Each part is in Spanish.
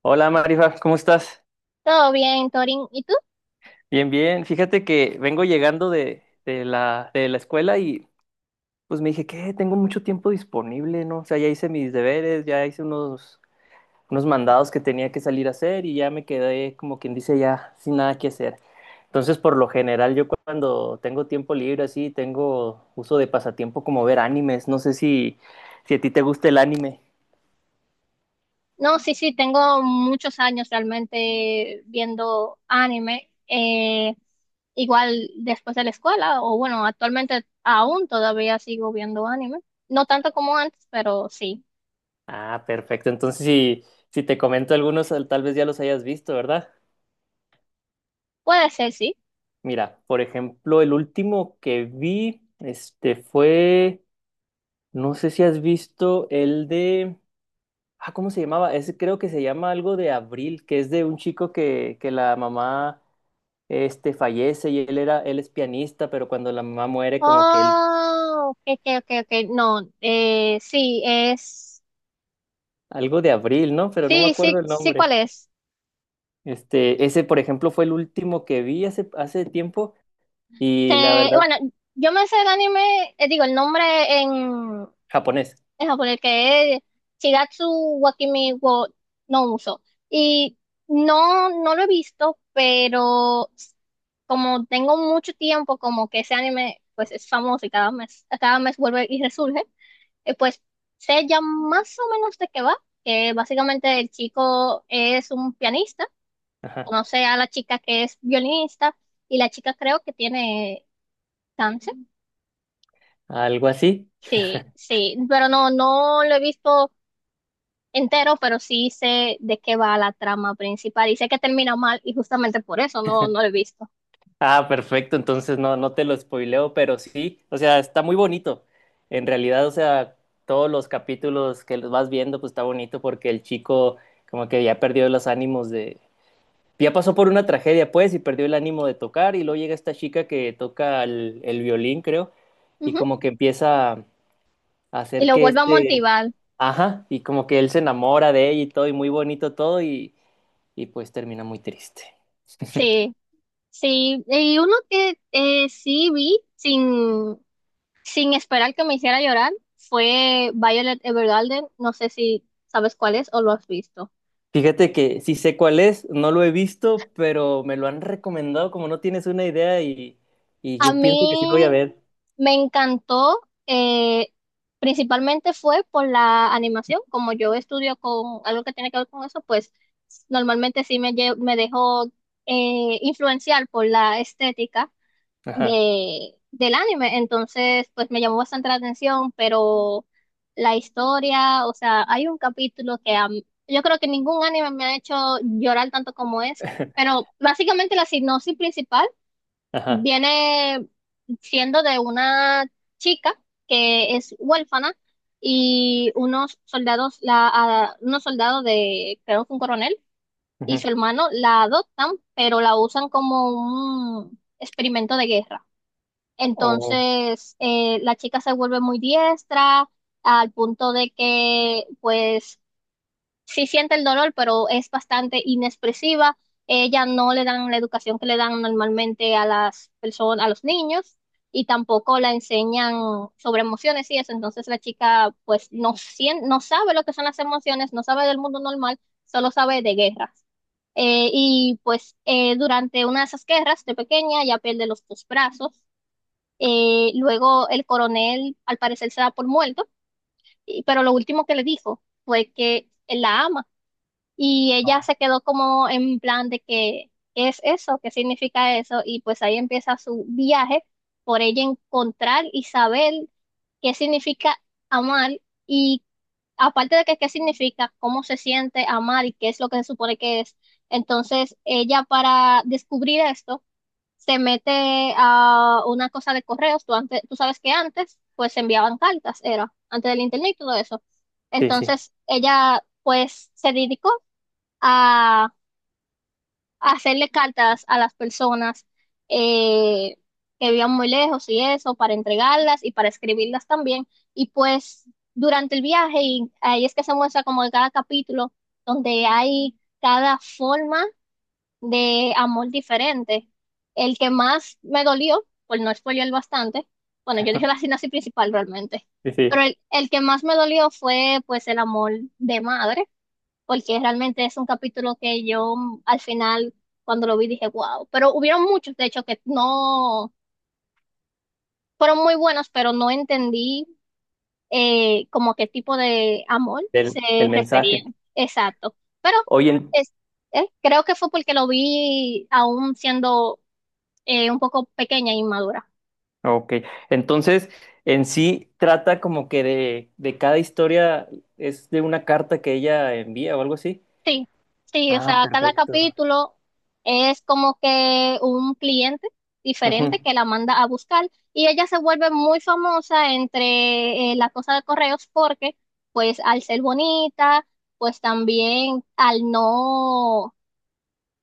Hola Marifa, ¿cómo estás? Todo bien, Torin. ¿Y tú? Bien, bien. Fíjate que vengo llegando de la escuela y pues me dije, que tengo mucho tiempo disponible, ¿no? O sea, ya hice mis deberes, ya hice unos, unos mandados que tenía que salir a hacer y ya me quedé, como quien dice, ya sin nada que hacer. Entonces, por lo general, yo cuando tengo tiempo libre así, tengo uso de pasatiempo como ver animes. No sé si a ti te gusta el anime. No, sí, sí, tengo muchos años realmente viendo anime. Igual después de la escuela, o bueno, actualmente aún todavía sigo viendo anime. No tanto como antes, pero sí. Ah, perfecto. Entonces, si te comento algunos, tal vez ya los hayas visto, ¿verdad? Puede ser, sí. Mira, por ejemplo, el último que vi, este fue, no sé si has visto el de, ah, ¿cómo se llamaba? Ese creo que se llama algo de Abril, que es de un chico que la mamá, este, fallece y él era, él es pianista, pero cuando la mamá muere, como que él, Oh, ok, ok, ok, ok. No, sí, es. algo de Abril, ¿no? Pero no me Sí, acuerdo sí, el sí, ¿cuál nombre. es? Este, ese, por ejemplo, fue el último que vi hace tiempo y la Que, verdad, bueno, yo me sé el anime, digo, el nombre en, japonés, en japonés, que es Shigatsu Wakimi wo no Uso. Y no, no lo he visto, pero como tengo mucho tiempo, como que ese anime pues es famoso y cada mes vuelve y resurge. Pues sé ya más o menos de qué va, que básicamente el chico es un pianista, ajá, conoce a la chica que es violinista y la chica creo que tiene cáncer. algo así. Sí, sí, pero no, no lo he visto entero, pero sí sé de qué va la trama principal y sé que termina mal y justamente por eso no, no lo he visto. Ah, perfecto, entonces no, no te lo spoileo, pero sí, o sea, está muy bonito. En realidad, o sea, todos los capítulos que los vas viendo, pues está bonito porque el chico como que ya perdió los ánimos de. Ya pasó por una tragedia, pues, y perdió el ánimo de tocar, y luego llega esta chica que toca el violín, creo, y Ujú. como que empieza a Y hacer lo que vuelvo a este. motivar, Ajá, y como que él se enamora de ella y todo, y muy bonito todo, y pues termina muy triste. sí, sí. Y uno que sí vi sin esperar que me hiciera llorar fue Violet Evergarden, no sé si sabes cuál es o lo has visto. Fíjate que sí sé cuál es, no lo he visto, pero me lo han recomendado como no tienes una idea y A yo mí pienso que sí lo voy a ver. me encantó. eh, Principalmente fue por la animación, como yo estudio con algo que tiene que ver con eso, pues normalmente sí me dejo influenciar por la estética Ajá, del anime, entonces pues me llamó bastante la atención, pero la historia, o sea, hay un capítulo que yo creo que ningún anime me ha hecho llorar tanto como es, pero básicamente la sinopsis principal ajá. viene siendo de una chica que es huérfana y unos soldados, unos soldados de, creo que un coronel y Ujú. su hermano la adoptan, pero la usan como un experimento de guerra. Oh, Entonces, la chica se vuelve muy diestra al punto de que, pues, sí siente el dolor, pero es bastante inexpresiva. Ella no le dan la educación que le dan normalmente a las personas, a los niños, y tampoco la enseñan sobre emociones y eso. Entonces la chica pues no sabe lo que son las emociones, no sabe del mundo normal, solo sabe de guerras. Durante una de esas guerras de pequeña ya pierde los dos brazos. Luego el coronel al parecer se da por muerto, pero lo último que le dijo fue que él la ama y ella se quedó como en plan de que, ¿qué es eso? ¿Qué significa eso? Y pues ahí empieza su viaje por ella encontrar y saber qué significa amar y aparte de que qué significa, cómo se siente amar y qué es lo que se supone que es. Entonces ella para descubrir esto se mete a una cosa de correos. Tú, antes, tú sabes que antes pues se enviaban cartas, era antes del internet y todo eso. sí, sí, Entonces ella pues se dedicó a a hacerle cartas a las personas eh, que vivían muy lejos y eso, para entregarlas y para escribirlas también. Y pues durante el viaje, y ahí es que se muestra como que cada capítulo, donde hay cada forma de amor diferente. El que más me dolió, por no spoilear bastante, bueno, yo dije la sinopsis principal realmente, sí, sí. pero el que más me dolió fue pues el amor de madre porque realmente es un capítulo que yo al final, cuando lo vi, dije, wow. Pero hubieron muchos, de hecho, que no fueron muy buenos, pero no entendí como qué tipo de amor se El referían. mensaje. Exacto. Pero Oye, es, creo que fue porque lo vi aún siendo un poco pequeña e inmadura. ok. Entonces, en sí trata como que de cada historia es de una carta que ella envía o algo así. Sí, sí, o Ah, sea, cada perfecto. capítulo es como que un cliente Ujú. diferente que la manda a buscar y ella se vuelve muy famosa entre la cosa de correos porque pues al ser bonita, pues también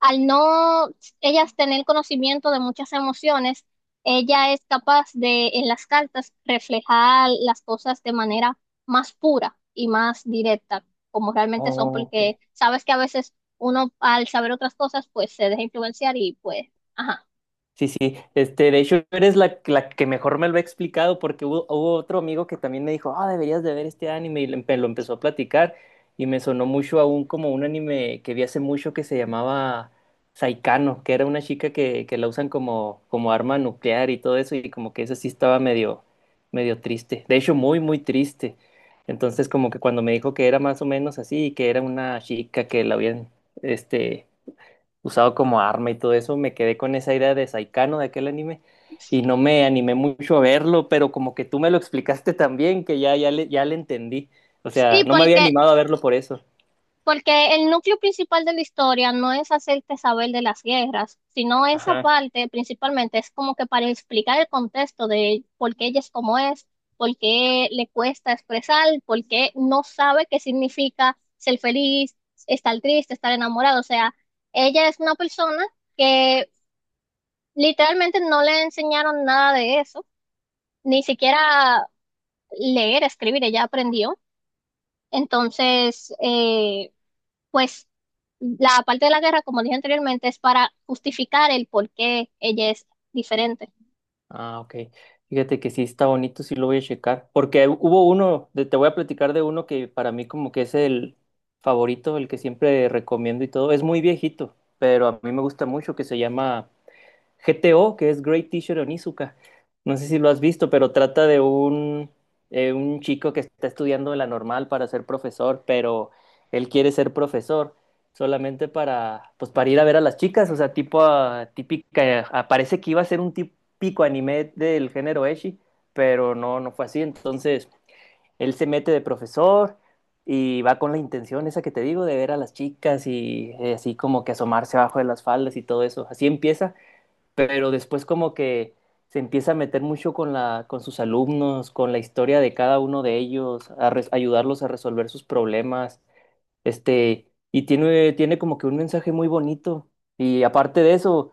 al no ellas tener conocimiento de muchas emociones, ella es capaz de en las cartas reflejar las cosas de manera más pura y más directa, como realmente son, Ok. porque sabes que a veces uno al saber otras cosas, pues se deja influenciar y pues, ajá. Sí, sí, este, de hecho eres la que mejor me lo ha explicado porque hubo, hubo otro amigo que también me dijo, ah, deberías de ver este anime y lo, lo empezó a platicar y me sonó mucho aún como un anime que vi hace mucho que se llamaba Saikano, que era una chica que la usan como, como arma nuclear y todo eso y como que eso sí estaba medio, medio triste, de hecho muy, muy triste. Entonces como que cuando me dijo que era más o menos así y que era una chica que la habían, este, usado como arma y todo eso, me quedé con esa idea de Saikano de aquel anime y no me animé mucho a verlo, pero como que tú me lo explicaste también, que ya, ya le entendí. O sea, Sí, no me había porque animado a verlo por eso. El núcleo principal de la historia no es hacerte saber de las guerras, sino esa Ajá. parte principalmente es como que para explicar el contexto de por qué ella es como es, por qué le cuesta expresar, por qué no sabe qué significa ser feliz, estar triste, estar enamorado. O sea, ella es una persona que literalmente no le enseñaron nada de eso, ni siquiera leer, escribir, ella aprendió. Entonces, pues la parte de la guerra, como dije anteriormente, es para justificar el por qué ella es diferente. Ah, ok. Fíjate que sí está bonito, sí lo voy a checar. Porque hubo uno, te voy a platicar de uno que para mí como que es el favorito, el que siempre recomiendo y todo. Es muy viejito, pero a mí me gusta mucho, que se llama GTO, que es Great Teacher Onizuka. No sé si lo has visto, pero trata de un chico que está estudiando la normal para ser profesor, pero él quiere ser profesor solamente para, pues, para ir a ver a las chicas, o sea, tipo ah, típica, ah, parece que iba a ser un típico anime del género Eshi, pero no, no fue así. Entonces, él se mete de profesor y va con la intención esa que te digo de ver a las chicas y así como que asomarse abajo de las faldas y todo eso. Así empieza, pero después como que se empieza a meter mucho con la, con sus alumnos, con la historia de cada uno de ellos, a ayudarlos a resolver sus problemas. Este, y tiene, tiene como que un mensaje muy bonito. Y aparte de eso,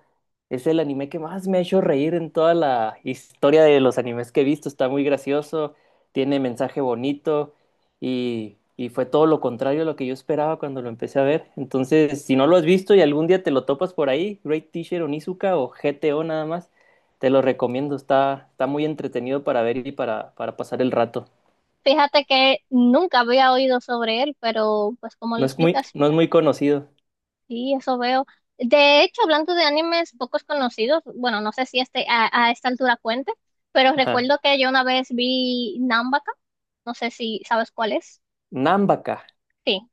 es el anime que más me ha hecho reír en toda la historia de los animes que he visto. Está muy gracioso, tiene mensaje bonito y fue todo lo contrario a lo que yo esperaba cuando lo empecé a ver. Entonces, si no lo has visto y algún día te lo topas por ahí, Great Teacher Onizuka o GTO nada más, te lo recomiendo. Está, está muy entretenido para ver y para pasar el rato. Fíjate que nunca había oído sobre él, pero pues como lo No es muy, explicas, no es muy conocido. sí, eso veo. De hecho, hablando de animes pocos conocidos, bueno, no sé si este a esta altura cuente, pero Ajá. recuerdo que yo una vez vi Nambaka, no sé si sabes cuál es. Nambaka. Sí.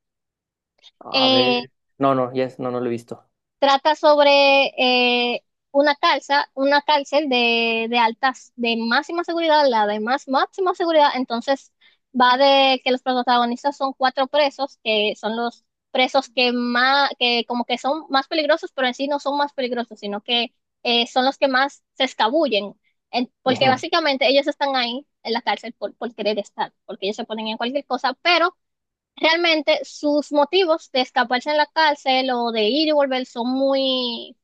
A Eh, ver. No, no lo he visto. Trata sobre eh, una una cárcel de altas, de máxima seguridad, la de más máxima seguridad. Entonces, va de que los protagonistas son cuatro presos, que son los presos que más, que como que son más peligrosos, pero en sí no son más peligrosos, sino que son los que más se escabullen. Porque Ujú. básicamente ellos están ahí en la cárcel por querer estar, porque ellos se ponen en cualquier cosa, pero realmente sus motivos de escaparse en la cárcel o de ir y volver son muy,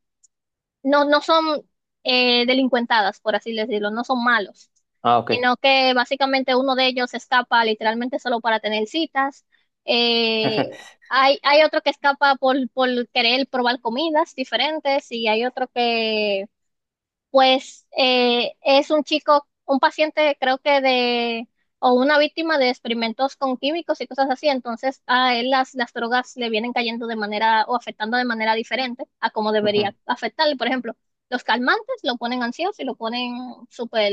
no, no son delincuentadas, por así decirlo, no son malos, Ah, ok. sino que básicamente uno de ellos escapa literalmente solo para tener citas. Eh, Hay, hay otro que escapa por querer probar comidas diferentes y hay otro que pues es un chico, un paciente creo que de, o una víctima de experimentos con químicos y cosas así, entonces a él las drogas le vienen cayendo de manera o afectando de manera diferente a como Ujú. debería afectarle. Por ejemplo, los calmantes lo ponen ansioso y lo ponen súper,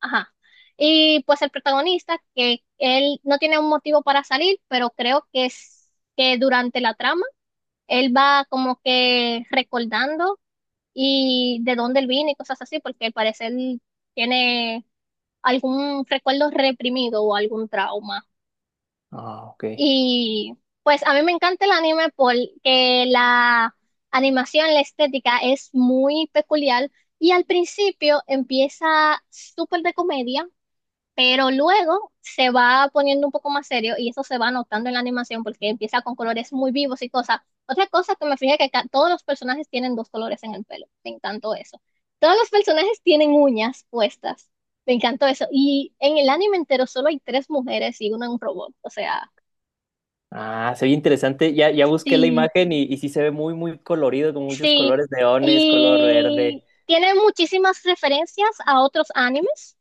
ajá. Y pues el protagonista, que él no tiene un motivo para salir, pero creo que es que durante la trama, él va como que recordando y de dónde él viene y cosas así, porque al parecer tiene algún recuerdo reprimido o algún trauma. Ah, ok. Y pues a mí me encanta el anime porque la animación, la estética es muy peculiar y al principio empieza súper de comedia, pero luego se va poniendo un poco más serio y eso se va notando en la animación porque empieza con colores muy vivos y cosas. Otra cosa que me fijé que todos los personajes tienen dos colores en el pelo. Me encantó eso. Todos los personajes tienen uñas puestas. Me encantó eso. Y en el anime entero solo hay tres mujeres y una en un robot. O sea, Ah, se ve interesante. Ya, ya busqué la sí, imagen y sí se ve muy, muy colorido, con muchos sí. colores, leones, color verde. Y tiene muchísimas referencias a otros animes.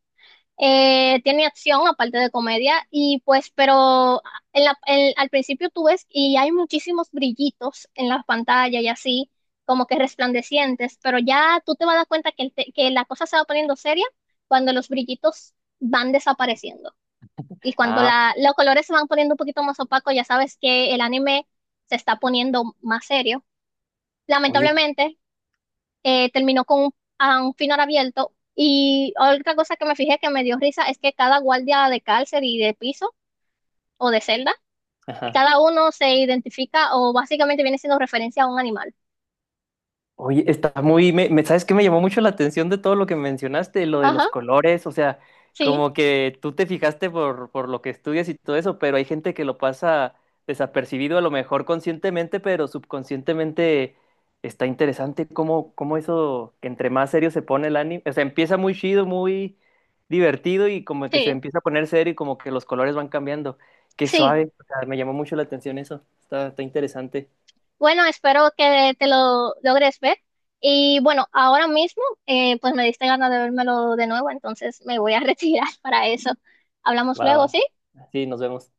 Tiene acción aparte de comedia y pues, pero al principio tú ves y hay muchísimos brillitos en la pantalla y así, como que resplandecientes, pero ya tú te vas a dar cuenta que, que la cosa se va poniendo seria cuando los brillitos van desapareciendo y cuando Ah, los colores se van poniendo un poquito más opacos, ya sabes que el anime se está poniendo más serio. oye. Lamentablemente, terminó con a un final abierto. Y otra cosa que me fijé que me dio risa es que cada guardia de cárcel y de piso o de celda, cada uno se identifica o básicamente viene siendo referencia a un animal. Oye, está muy, ¿sabes qué me llamó mucho la atención de todo lo que mencionaste, lo de los Ajá, colores? O sea, sí, como que tú te fijaste por lo que estudias y todo eso, pero hay gente que lo pasa desapercibido, a lo mejor conscientemente, pero subconscientemente está interesante cómo, cómo eso, que entre más serio se pone el anime, o sea, empieza muy chido, muy divertido y como que se sí, empieza a poner serio y como que los colores van cambiando. Qué sí. suave, o sea, me llamó mucho la atención eso, está, está interesante. Bueno, espero que te lo logres ver. Y bueno, ahora mismo, pues me diste ganas de vérmelo de nuevo, entonces me voy a retirar para eso. Hablamos Va, luego, va. ¿sí? Sí, nos vemos.